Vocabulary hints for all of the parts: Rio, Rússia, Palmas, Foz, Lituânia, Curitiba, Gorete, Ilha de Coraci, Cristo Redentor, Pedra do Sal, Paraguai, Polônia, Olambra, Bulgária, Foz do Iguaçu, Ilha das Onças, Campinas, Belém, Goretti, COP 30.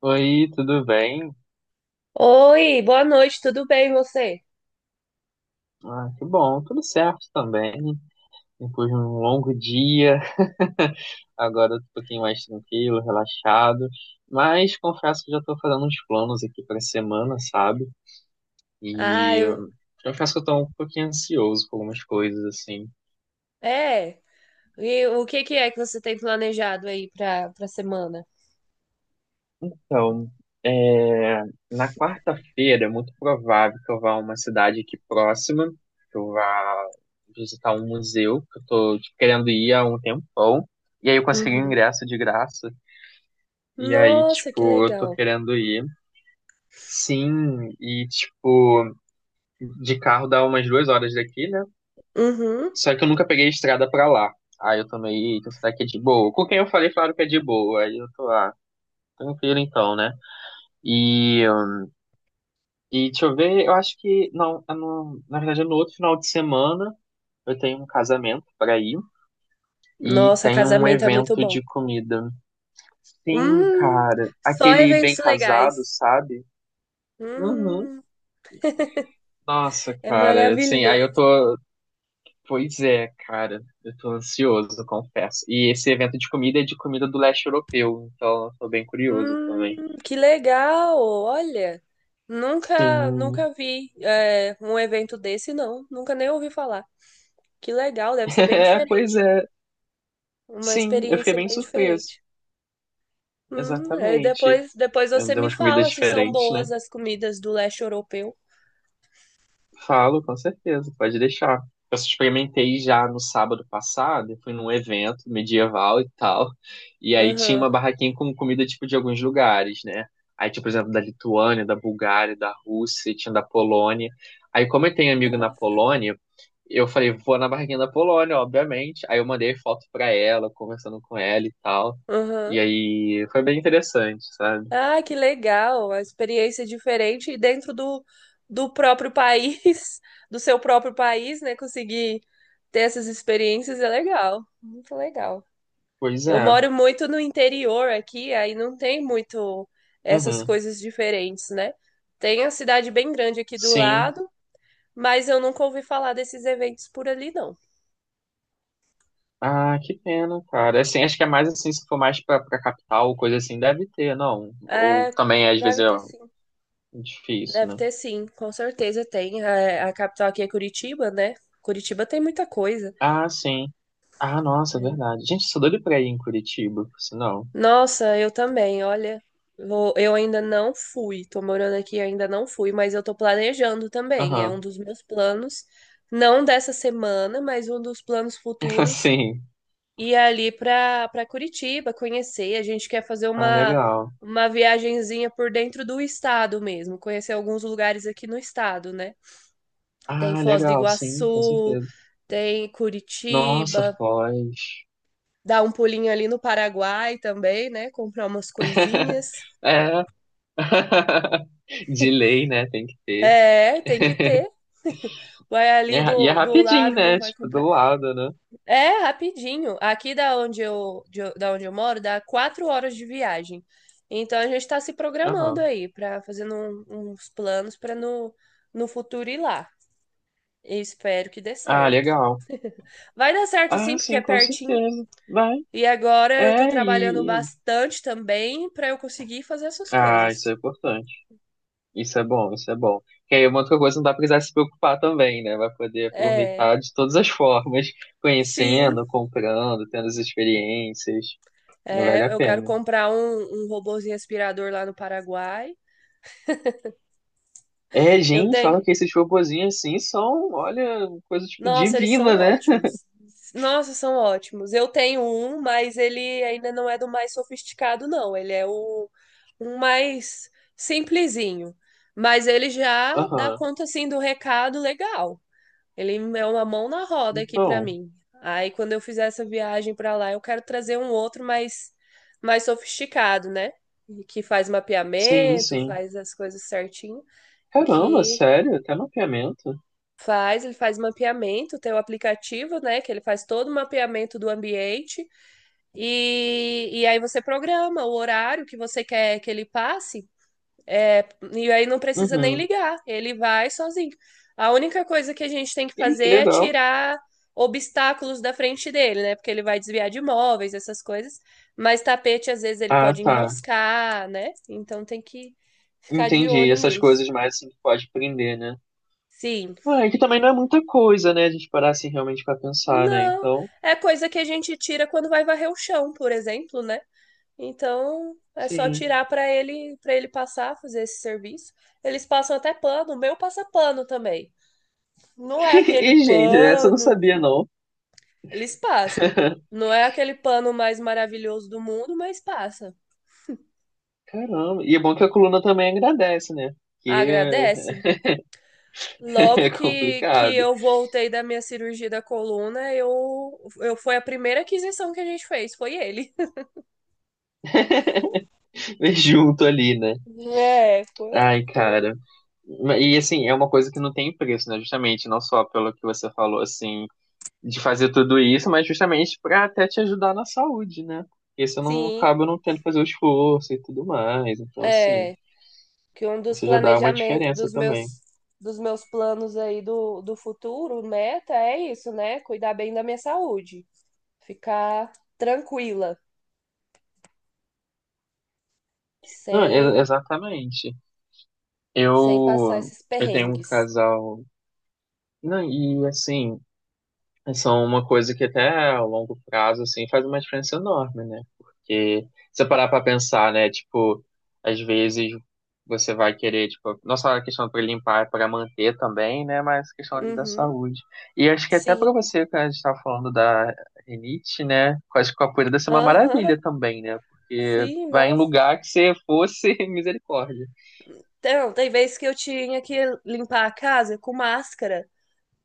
Oi, tudo bem? Oi, boa noite, tudo bem você? Ah, que bom, tudo certo também. Depois de um longo dia, agora eu tô um pouquinho mais tranquilo, relaxado. Mas confesso que já tô fazendo uns planos aqui pra semana, sabe? Ah, E eu. confesso que eu tô um pouquinho ansioso com algumas coisas, assim. É. E o que é que você tem planejado aí pra semana? Então, é, na quarta-feira é muito provável que eu vá a uma cidade aqui próxima, que eu vá visitar um museu, que eu tô, tipo, querendo ir há um tempão. E aí eu consegui um Uhum. ingresso de graça, e aí, Nossa, que tipo, eu tô legal. querendo ir. Sim, e, tipo, de carro dá umas duas horas daqui, né? Uhum. Só que eu nunca peguei estrada pra lá. Aí eu tomei, "Eita, será que é de boa?" Com quem eu falei, falaram que é de boa. Aí eu tô lá, tranquilo então, né? E E deixa eu ver, eu acho que não, na verdade é no outro final de semana eu tenho um casamento para ir e Nossa, tem um casamento é muito evento bom. de comida. Sim, Hum, cara, só aquele bem eventos casado, legais. sabe? Uhum. Hum, Nossa, é cara, assim, aí eu maravilhoso. tô, pois é, cara, eu tô ansioso, eu confesso. E esse evento de comida é de comida do leste europeu, então eu tô bem curioso também. Que legal. Olha, nunca, Sim. nunca vi um evento desse, não. Nunca nem ouvi falar. Que legal, deve ser bem É, pois diferente. é. Uma Sim, eu fiquei experiência bem bem surpreso. diferente. Aí Exatamente. depois Eu você dei me umas comidas fala se são diferentes, né? boas as comidas do leste europeu. Falo, com certeza, pode deixar. Eu experimentei já no sábado passado, eu fui num evento medieval e tal, e aí tinha Aham. uma barraquinha com comida tipo de alguns lugares, né? Aí tinha, por exemplo, da Lituânia, da Bulgária, da Rússia, e tinha da Polônia. Aí, como eu tenho amigo na Não, Polônia, eu falei, vou na barraquinha da Polônia, obviamente. Aí eu mandei foto pra ela, conversando com ela e tal. aham. E aí foi bem interessante, sabe? Ah, que legal! Uma experiência diferente e dentro do próprio país, do seu próprio país, né? Conseguir ter essas experiências é legal. Muito legal. Pois Eu é. moro muito no interior aqui, aí não tem muito essas Uhum. coisas diferentes, né? Tem a cidade bem grande aqui do Sim. lado, mas eu nunca ouvi falar desses eventos por ali, não. Ah, que pena, cara. É, assim, acho que é mais assim, se for mais pra, pra capital, coisa assim, deve ter, não. Ou É, também, às vezes, deve é ter sim. difícil, Deve né? ter sim, com certeza tem. Capital aqui é Curitiba, né? Curitiba tem muita coisa. Ah, sim. Ah, nossa, é É. verdade. Gente, sou doido pra ir em Curitiba, por sinal. Nossa, eu também, olha. Eu ainda não fui, tô morando aqui, e ainda não fui, mas eu tô planejando também. É um Aham. dos meus planos, não dessa semana, mas um dos planos futuros, Sim. ir ali pra Curitiba, conhecer. A gente quer fazer Ah, legal. uma viagenzinha por dentro do estado mesmo, conhecer alguns lugares aqui no estado, né? Tem Ah, Foz do legal, sim, com Iguaçu, certeza. tem Nossa, Curitiba, Foz. dá um pulinho ali no Paraguai também, né? Comprar umas coisinhas. É. De lei, né? Tem que ter. É, tem que ter. Vai E é, ali e é do rapidinho, lado e não né? vai Tipo, do comprar. lado, né? É, rapidinho. Aqui da onde eu, da onde eu moro, dá 4 horas de viagem. Então a gente tá se programando Aham. aí pra fazendo uns planos pra no, no futuro ir lá. E espero que dê Ah, certo. legal. Vai dar certo sim, Ah, porque é sim, com pertinho. certeza. Vai. E agora eu tô É, trabalhando e. bastante também para eu conseguir fazer essas Ah, isso coisas. é importante. Isso é bom, isso é bom. Que aí é uma outra coisa não dá pra precisar se preocupar também, né? Vai poder É, aproveitar de todas as formas, sim, conhecendo, comprando, tendo as experiências. Vale é, a eu quero pena. comprar um robozinho aspirador lá no Paraguai. É, Eu gente, tenho. falam que esses robozinhos assim são, olha, coisa tipo Nossa, eles são divina, né? ótimos. Nossa, são ótimos. Eu tenho um, mas ele ainda não é do mais sofisticado, não. Ele é o um mais simplesinho. Mas ele já dá Aham. conta assim do recado legal. Ele é uma mão na roda aqui para Então, mim. Aí quando eu fizer essa viagem para lá, eu quero trazer um outro mais sofisticado, né? Que faz sim, mapeamento, sim. faz as coisas certinho, Caramba, que sério? Até mapeamento? Ele faz mapeamento, tem o aplicativo, né, que ele faz todo o mapeamento do ambiente e aí você programa o horário que você quer que ele passe, e aí não precisa nem Uhum. ligar, ele vai sozinho. A única coisa que a gente tem que Ih, fazer que é legal. tirar obstáculos da frente dele, né? Porque ele vai desviar de móveis, essas coisas. Mas tapete, às vezes, ele Ah, pode tá. enroscar, né? Então tem que ficar de Entendi. olho Essas nisso. coisas mais assim que pode prender, né? Sim. Ah, é, que também não é muita coisa, né? A gente parar assim realmente pra pensar, né? Não. Então, É coisa que a gente tira quando vai varrer o chão, por exemplo, né? Então é só sim. tirar para ele passar, fazer esse serviço. Eles passam até pano, o meu passa pano também. Não é aquele E, gente, essa eu não pano, sabia, não. eles passam. Não é aquele pano mais maravilhoso do mundo, mas passa. Caramba. E é bom que a coluna também agradece, né? Porque Agradece. é Logo é que complicado. eu voltei da minha cirurgia da coluna, eu foi a primeira aquisição que a gente fez, foi ele. Mas junto ali, né? É, foi, Ai, foi. cara. E assim, é uma coisa que não tem preço, né? Justamente, não só pelo que você falou, assim, de fazer tudo isso, mas justamente pra até te ajudar na saúde, né? Porque você não Sim, acaba não tendo que fazer o esforço e tudo mais. Então, assim, é que um dos você já dá uma planejamentos diferença também. Dos meus planos aí do futuro, meta é isso, né? Cuidar bem da minha saúde, ficar tranquila, Não, sem exatamente. sem passar Eu, esses eu tenho um perrengues. casal. Não, e assim, são uma coisa que até a longo prazo, assim, faz uma diferença enorme, né? Porque se você parar pra pensar, né? Tipo, às vezes você vai querer, tipo, não só a questão pra limpar, é pra manter também, né? Mas a questão ali da Uhum, saúde. E acho que até sim, pra você, que a gente tava falando da rinite, né? Acho que a poeira deve ser uma aham, maravilha também, né? Porque sim, vai em nossa. lugar que você fosse misericórdia. Então, tem vezes que eu tinha que limpar a casa com máscara,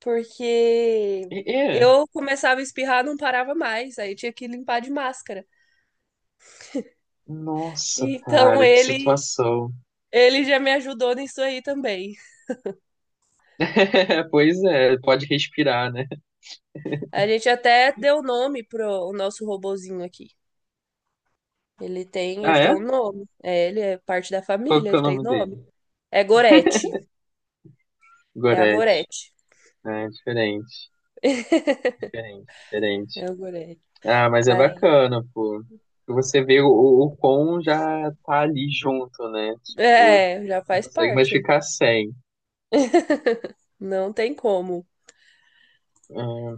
porque É. eu começava a espirrar, não parava mais, aí eu tinha que limpar de máscara. Nossa, Então, cara, que ele, situação. ele já me ajudou nisso aí também. Pois é, pode respirar, né? A gente até deu nome pro o nosso robozinho aqui. Ah, Ele tem é? um nome. É, ele é parte da Qual família, que é ele o tem nome nome. dele? É Gorete. É a Goretti. Gorete. Ah, é, diferente, diferente, É diferente. o Gorete. Ah, mas é Aí. bacana, pô. Você vê o, o quão já tá ali junto, né? Tipo, É, já não faz consegue mais parte. ficar sem. Não tem como. Ah,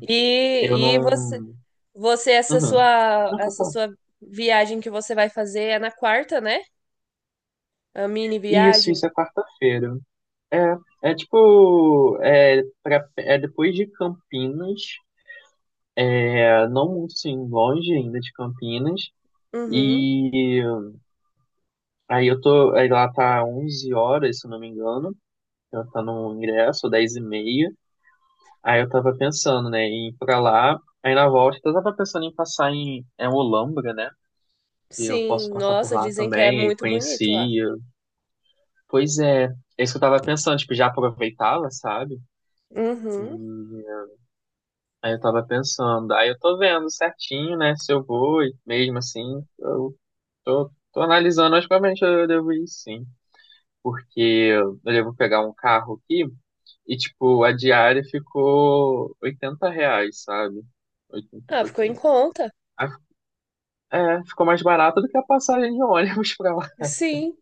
eu Você, não. Essa Uhum. sua, Não, pode falar. Viagem que você vai fazer é na quarta, né? A mini Isso, viagem? isso é quarta-feira. É, é tipo, é, pra, é depois de Campinas. É, não muito sim, longe ainda de Campinas. Uhum. E aí eu tô, aí lá tá 11 horas, se eu não me engano, eu tá no ingresso, 10 e meia. Aí eu tava pensando, né, em ir pra lá. Aí na volta eu tava pensando em passar em é, Olambra, né? E eu posso Sim, passar por nossa, lá dizem que é também, e muito bonito lá. conheci. Pois é, é isso que eu tava pensando, tipo, já aproveitava, sabe? Uhum. E aí eu tava pensando, aí eu tô vendo certinho, né, se eu vou e mesmo assim. Eu tô, tô analisando, mas provavelmente eu devo ir sim, porque eu devo pegar um carro aqui e, tipo, a diária ficou 80 reais, sabe? Oitenta e Ah, ficou em pouquinho. conta. Aí, é, ficou mais barato do que a passagem de ônibus pra lá. Sim,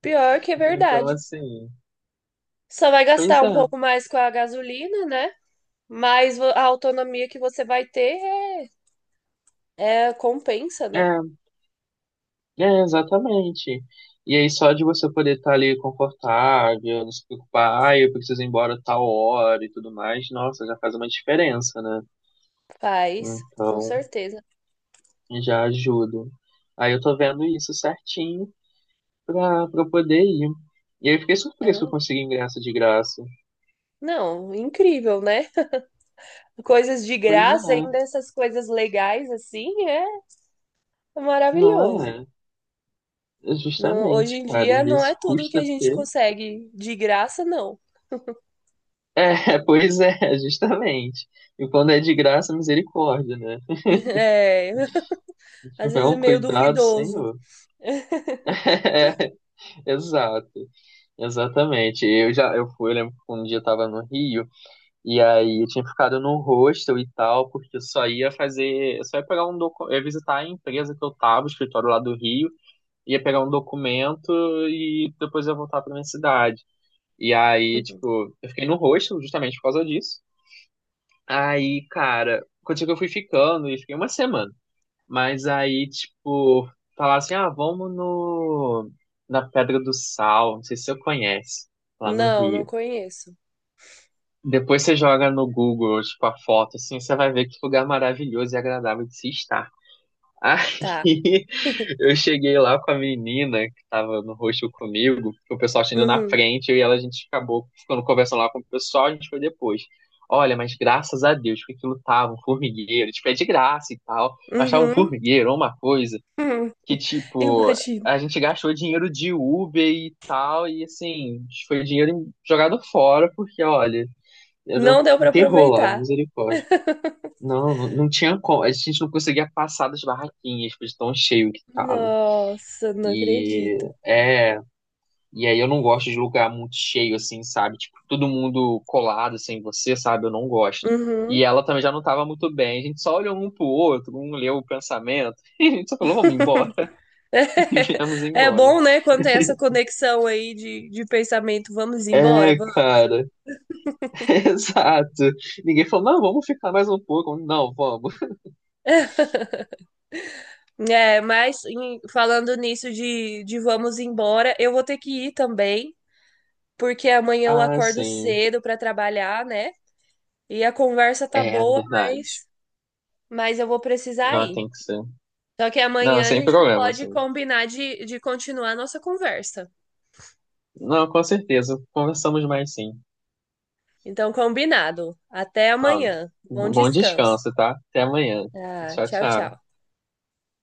pior que é Então, verdade. assim, Só vai pois gastar um pouco mais com a gasolina, né? Mas a autonomia que você vai ter compensa, né? é, é, exatamente. E aí, só de você poder estar ali confortável, não se preocupar, ah, eu preciso ir embora tal hora e tudo mais, nossa, já faz uma diferença, né? Faz, com Então. certeza. Já ajudo. Aí eu tô vendo isso certinho pra, pra eu poder ir. E aí eu fiquei surpreso que eu consegui ingresso de graça. Não, incrível, né? Coisas de Pois graça, é, ainda essas coisas legais assim, é não maravilhoso. é? É Não, hoje justamente, em cara. Às dia não é vezes tudo que a custa gente ter. consegue de graça, não. É, pois é, é justamente. E quando é de graça, misericórdia, né? É, Se às tiver vezes é um meio cuidado, duvidoso. Senhor. É, exato, exatamente. Eu lembro que um dia eu tava no Rio. E aí eu tinha ficado no hostel e tal, porque eu só ia pegar um documento, ia visitar a empresa que eu tava, o escritório lá do Rio, ia pegar um documento e depois ia voltar pra minha cidade. E aí, Uhum. tipo, eu fiquei no hostel justamente por causa disso. Aí, cara, contigo eu fui ficando e fiquei uma semana. Mas aí, tipo, falar assim, ah, vamos no na Pedra do Sal, não sei se você conhece, lá no Não, não Rio. conheço. Depois você joga no Google, tipo, a foto, assim, você vai ver que lugar maravilhoso e agradável de se estar. Tá. Aí eu cheguei lá com a menina que tava no rosto comigo, o pessoal tinha ido na Uhum. frente, eu e ela, a gente acabou ficando conversando lá com o pessoal, a gente foi depois. Olha, mas graças a Deus que aquilo tava um formigueiro, tipo, é de graça e tal, mas tava um Uhum. Uhum. formigueiro, uma coisa que, tipo, Imagino. a gente gastou dinheiro de Uber e tal, e assim, foi dinheiro jogado fora, porque, olha, era um Não deu pra terror lá, aproveitar. misericórdia. Não, não, não tinha como. A gente não conseguia passar das barraquinhas, de tão cheio que tava. Nossa, não acredito. E é, e aí eu não gosto de lugar muito cheio assim, sabe? Tipo, todo mundo colado sem você, sabe? Eu não gosto. Uhum. E ela também já não tava muito bem. A gente só olhou um pro outro, um leu o pensamento, e a gente só falou, vamos embora, É e viemos é embora. bom, né, quando tem essa conexão aí de pensamento, vamos embora, É, vamos. cara, exato. Ninguém falou, não, vamos ficar mais um pouco. Não, vamos. É, mas falando nisso de vamos embora, eu vou ter que ir também, porque amanhã eu Ah, acordo sim, cedo para trabalhar, né? E a conversa tá é boa, verdade. Mas eu vou precisar Não, ir. tem que ser. Só que Não, amanhã a sem gente problema, pode assim. combinar de continuar a nossa conversa. Não, com certeza. Conversamos mais sim. Então, combinado. Até Ah, amanhã. Bom bom descanso. descanso, tá? Até amanhã. Ah, Tchau, tchau, tchau. tchau.